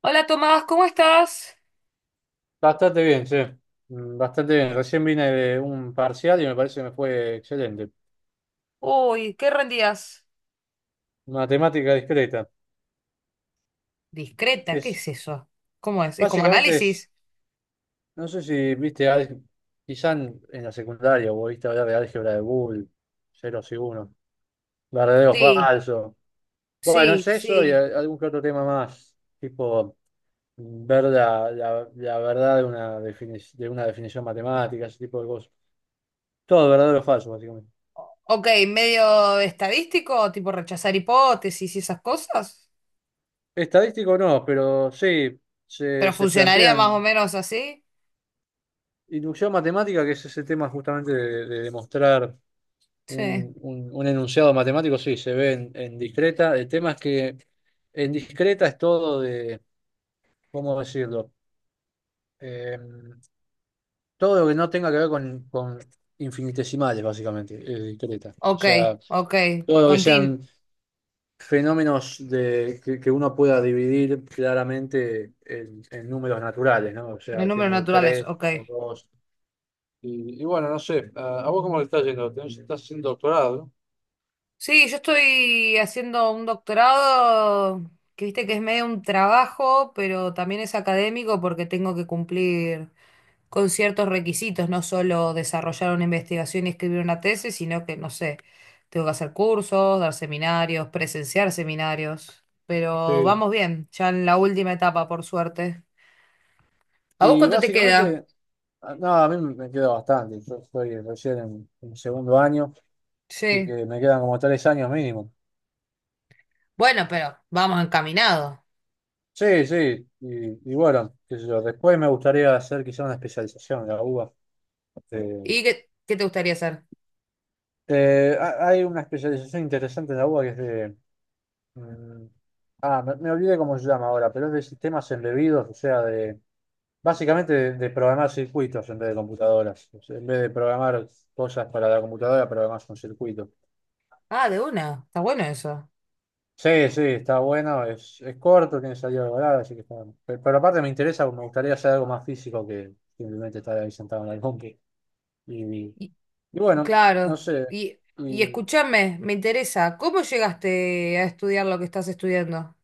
Hola Tomás, ¿cómo estás? Bastante bien, sí. Bastante bien. Recién vine de un parcial y me parece que me fue excelente. Uy, ¿qué rendías? Matemática discreta. Discreta, ¿qué Es, es eso? ¿Cómo es? ¿Es como Básicamente análisis? no sé si viste, quizá en la secundaria o viste hablar de álgebra de Boole, ceros y unos, verdadero o Sí, falso. Bueno, es sí, eso y sí. Algún que otro tema más, tipo ver la verdad de una, de una definición matemática, ese tipo de cosas. Todo verdadero o falso, básicamente. Ok, medio estadístico, tipo rechazar hipótesis y esas cosas. Estadístico no, pero sí, Pero se funcionaría más o plantean menos así. inducción matemática, que es ese tema justamente de demostrar Sí. Un enunciado matemático, sí, se ve en discreta. El tema es que en discreta es todo de, ¿cómo decirlo? Eh, todo lo que no tenga que ver con infinitesimales, básicamente, es discreta. O Ok, sea, ok. todo lo que sean Contin, fenómenos de, que uno pueda dividir claramente en números naturales, ¿no? O de sea, números tengo naturales, tres ok. o dos. Y bueno, no sé, a vos cómo le estás yendo? Tenés- ¿Estás haciendo doctorado, no? Sí, yo estoy haciendo un doctorado que viste que es medio un trabajo, pero también es académico porque tengo que cumplir con ciertos requisitos, no solo desarrollar una investigación y escribir una tesis, sino que, no sé, tengo que hacer cursos, dar seminarios, presenciar seminarios, pero Sí. vamos bien, ya en la última etapa, por suerte. ¿A vos Y cuánto te queda? básicamente, no, a mí me queda bastante. Yo estoy recién en segundo año, así Sí. que me quedan como tres años mínimo. Bueno, pero vamos encaminado. Sí, sí, y bueno, qué sé yo, después me gustaría hacer quizá una especialización en la UBA. Eh, ¿Y qué te gustaría hacer? Hay una especialización interesante en la UBA que es de. Mm. Ah, me olvidé cómo se llama ahora, pero es de sistemas embebidos, o sea, de básicamente de programar circuitos en vez de computadoras. O sea, en vez de programar cosas para la computadora, programas un circuito. Ah, de una, está bueno eso. Sí, sí, está bueno, es corto, tiene salida de volada, así que está bueno. Pero, aparte me interesa, me gustaría hacer algo más físico que simplemente estar ahí sentado en la compu. Y, Y y bueno, no claro, sé. y, y Y escúchame, me interesa, ¿cómo llegaste a estudiar lo que estás estudiando?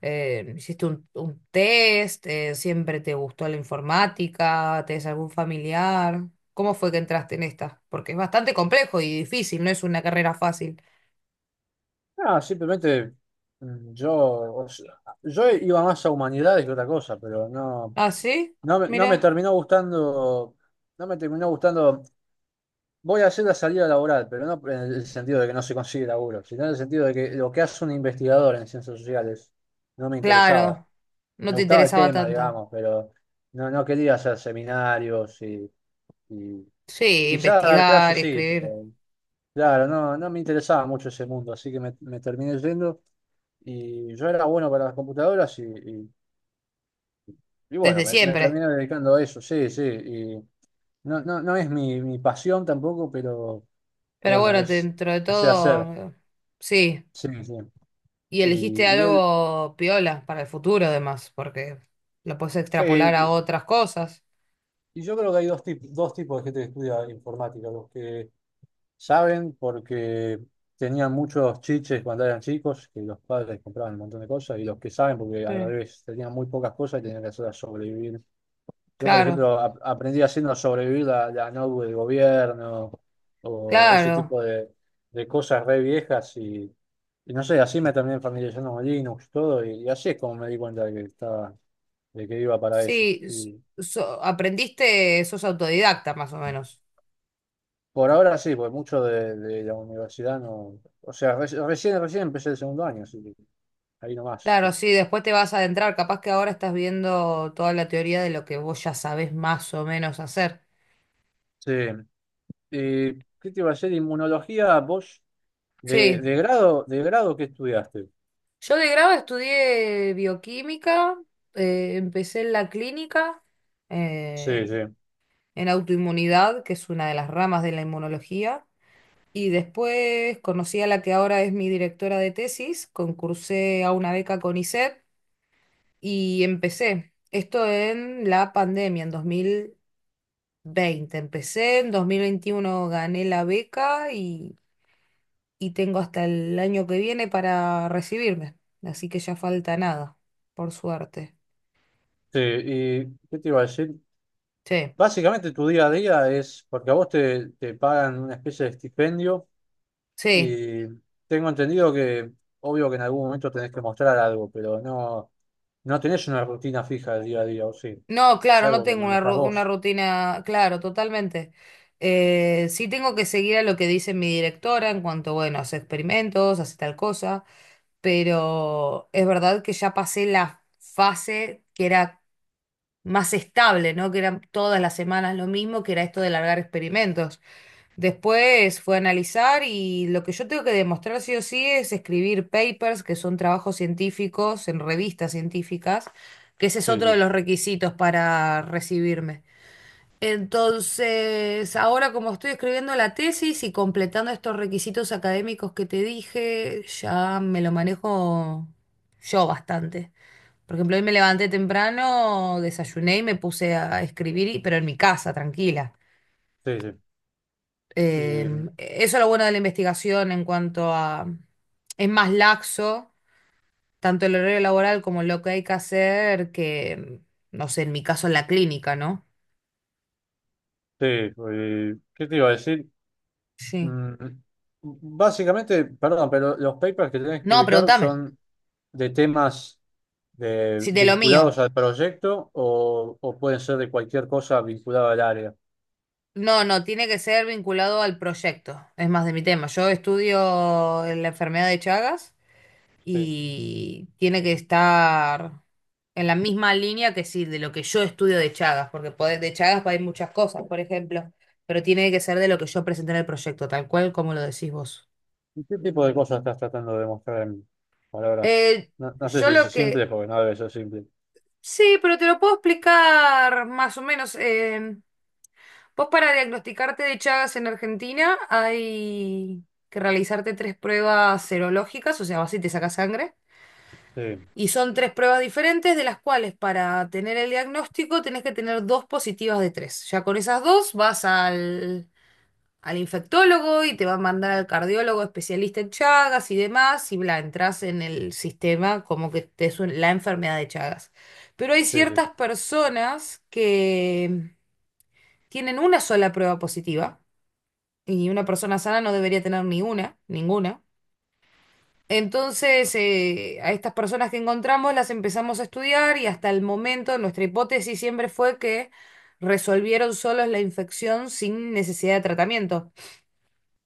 ¿Hiciste un test? ¿Siempre te gustó la informática? ¿Tenés algún familiar? ¿Cómo fue que entraste en esta? Porque es bastante complejo y difícil, no es una carrera fácil. Ah, simplemente yo, o sea, yo iba más a humanidades que otra cosa, pero no, ¿Ah, sí? no, no me Mira. terminó gustando, no me terminó gustando. Voy a hacer la salida laboral, pero no en el sentido de que no se consigue laburo, sino en el sentido de que lo que hace un investigador en ciencias sociales no me interesaba. Claro, no Me te gustaba el interesaba tema, tanto. digamos, pero no, no quería hacer seminarios y Sí, quizá dar investigar clases y sí, escribir pero claro, no, no me interesaba mucho ese mundo, así que me terminé yendo y yo era bueno para las computadoras y bueno, desde me siempre. terminé dedicando a eso, sí, sí, y no, no, no es mi pasión tampoco, pero Pero bueno, bueno, es, dentro de sé todo, hacer, sí. sí, sí. Y elegiste Y, y él, algo piola para el futuro, además, porque lo puedes sí. extrapolar a otras cosas. Y yo creo que hay dos tipos de gente que estudia informática, los que saben porque tenían muchos chiches cuando eran chicos, que los padres compraban un montón de cosas, y los que saben porque al Sí. revés tenían muy pocas cosas y tenían que hacerlas sobrevivir. Yo, por Claro. ejemplo, aprendí haciendo sobrevivir la notebook del gobierno o ese Claro, tipo de cosas re viejas y no sé, así me terminé familiarizando con Linux, todo, y así es como me di cuenta de que estaba, de que iba para eso. sí, Y aprendiste, sos autodidacta más o menos. por ahora sí, pues mucho de la universidad no. O sea, recién empecé el segundo año, así que ahí nomás Claro, estoy. sí, después te vas a adentrar, capaz que ahora estás viendo toda la teoría de lo que vos ya sabés más o menos hacer. Sí. ¿Qué te iba a decir? Inmunología, vos, Sí, de grado, ¿qué estudiaste? yo de grado estudié bioquímica, empecé en la clínica, eh, Sí, sí. en autoinmunidad, que es una de las ramas de la inmunología, y después conocí a la que ahora es mi directora de tesis, concursé a una beca con y empecé. Esto en la pandemia, en 2020. Empecé en 2021, gané la beca y tengo hasta el año que viene para recibirme. Así que ya falta nada, por suerte. Sí, ¿y qué te iba a decir? Sí, Básicamente tu día a día es, porque a vos te pagan una especie de estipendio sí. y tengo entendido que, obvio que en algún momento tenés que mostrar algo, pero no, no tenés una rutina fija del día a día, o sí. No, Es claro, no algo que tengo manejás una vos. rutina, claro, totalmente. Sí tengo que seguir a lo que dice mi directora en cuanto, bueno, hace experimentos, hace tal cosa, pero es verdad que ya pasé la fase que era más estable, ¿no? Que eran todas las semanas lo mismo, que era esto de largar experimentos. Después fue a analizar y lo que yo tengo que demostrar sí o sí es escribir papers, que son trabajos científicos en revistas científicas, que ese es Sí, otro de sí, los requisitos para recibirme. Entonces, ahora como estoy escribiendo la tesis y completando estos requisitos académicos que te dije, ya me lo manejo yo bastante. Por ejemplo, hoy me levanté temprano, desayuné y me puse a escribir, y pero en mi casa, tranquila. sí, sí. Y, Eso es lo bueno de la investigación en cuanto a... Es más laxo, tanto el horario laboral como lo que hay que hacer, que, no sé, en mi caso en la clínica, ¿no? sí, ¿qué te iba a decir? Sí. Mm, Básicamente, perdón, pero los papers que tenés que No, publicar pregúntame. son de temas Si de lo mío. vinculados al proyecto o pueden ser de cualquier cosa vinculada al área. No, no, tiene que ser vinculado al proyecto. Es más de mi tema. Yo estudio la enfermedad de Chagas, Sí. y tiene que estar en la misma línea que sí, de lo que yo estudio de Chagas, porque pode- de Chagas hay muchas cosas, por ejemplo, pero tiene que ser de lo que yo presenté en el proyecto, tal cual como lo decís vos. ¿Y qué tipo de cosas estás tratando de mostrar en palabras? Eh, No, no sé yo si lo es simple, que... porque no debe ser simple. Sí, pero te lo puedo explicar más o menos. Em, vos para diagnosticarte de Chagas en Argentina hay que realizarte tres pruebas serológicas, o sea, vas y te sacas sangre. Sí, Y son tres pruebas diferentes, de las cuales para tener el diagnóstico tenés que tener dos positivas de tres. Ya con esas dos vas al, al infectólogo y te va a mandar al cardiólogo especialista en Chagas y demás, y bla, entras en el sistema como que te es un- la enfermedad de Chagas. Pero hay sí, sí, ciertas personas que tienen una sola prueba positiva, y una persona sana no debería tener ni una, ninguna. Entonces, a estas personas que encontramos las empezamos a estudiar y hasta el momento nuestra hipótesis siempre fue que resolvieron solos la infección sin necesidad de tratamiento,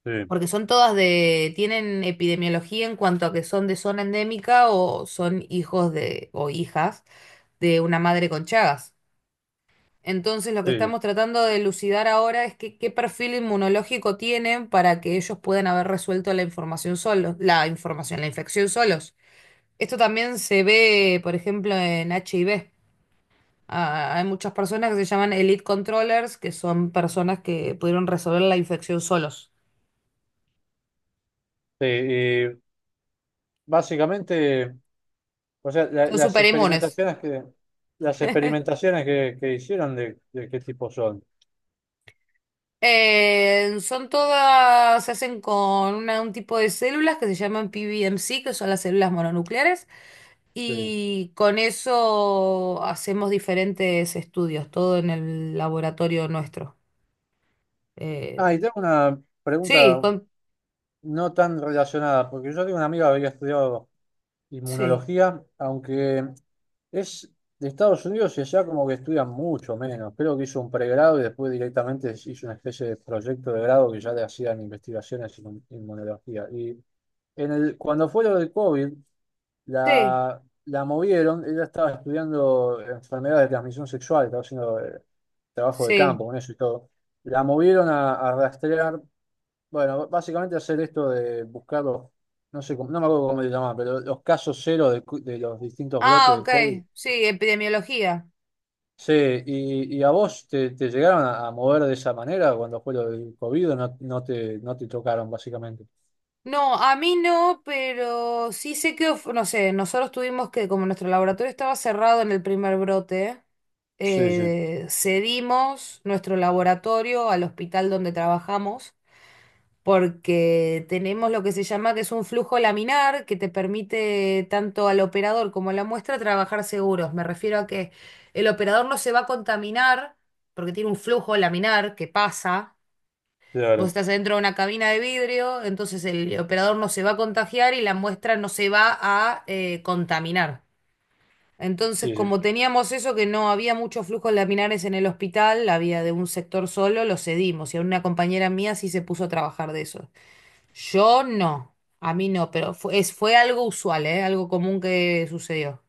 sí, porque son todas de, tienen epidemiología en cuanto a que son de zona endémica o son hijos de, o hijas de una madre con Chagas. Entonces, lo que sí, sí. estamos tratando de elucidar ahora es que, qué perfil inmunológico tienen para que ellos puedan haber resuelto la información solos, la información, la infección solos. Esto también se ve, por ejemplo, en HIV. Ah, hay muchas personas que se llaman elite controllers, que son personas que pudieron resolver la infección solos. Sí, y básicamente, o sea, Son las súper. experimentaciones que las experimentaciones que hicieron de qué tipo son. Son todas, se hacen con una- un tipo de células que se llaman PBMC, que son las células mononucleares, Sí. y con eso hacemos diferentes estudios, todo en el laboratorio nuestro. Eh, Ah, y tengo una sí, pregunta con, no tan relacionada, porque yo tengo una amiga que había estudiado sí, inmunología, aunque es de Estados Unidos y allá como que estudian mucho menos. Creo que hizo un pregrado y después directamente hizo una especie de proyecto de grado que ya le hacían investigaciones en inmunología. Y en el, cuando fue lo del COVID, sí, la, la movieron, ella estaba estudiando enfermedades de transmisión sexual, estaba haciendo trabajo de sí. campo con eso y todo. La movieron a rastrear bueno, básicamente hacer esto de buscar los, no sé, cómo- no me acuerdo cómo se llama pero los casos cero de, de los distintos brotes Ah, del ok, COVID. sí, epidemiología. Sí, y a vos te llegaron a mover de esa manera cuando fue lo del COVID, o no, no te, no te tocaron básicamente. No, a mí no, pero sí sé que, of- no sé, nosotros tuvimos que, como nuestro laboratorio estaba cerrado en el primer brote, Sí, sí, cedimos nuestro laboratorio al hospital donde trabajamos, porque tenemos lo que se llama que es un flujo laminar que te permite tanto al operador como a la muestra trabajar seguros. Me refiero a que el operador no se va a contaminar porque tiene un flujo laminar que pasa. Vos claro. estás dentro de una cabina de vidrio, entonces el operador no se va a contagiar y la muestra no se va a contaminar. Entonces, Sí, sí. como teníamos eso, que no había muchos flujos laminares en el hospital, había de un sector solo, lo cedimos. Y a una compañera mía sí se puso a trabajar de eso. Yo no, a mí no, pero fue, es, fue algo usual, ¿eh? Algo común que sucedió.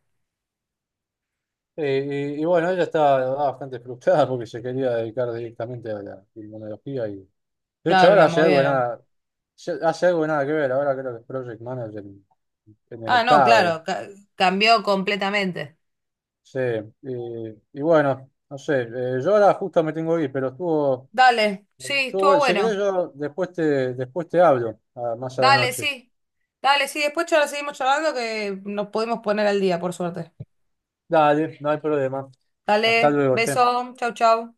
Y bueno, ella estaba bastante frustrada porque se quería dedicar directamente a la inmunología y de hecho Claro, y ahora la hace algo de movieron. nada, hace algo de nada que ver, ahora creo que es Project Manager en el Ah, no, Estado. claro, ca- cambió completamente. Sí, y, y bueno, no sé, yo ahora justo me tengo que ir, pero estuvo, Dale, sí, estuvo estuvo bueno. Si querés bueno. yo después después te hablo, ah, más a la Dale, noche. sí. Dale, sí. Después lo seguimos charlando que nos podemos poner al día, por suerte. Dale, no hay problema. Hasta Dale, luego, che. beso. Chau, chau.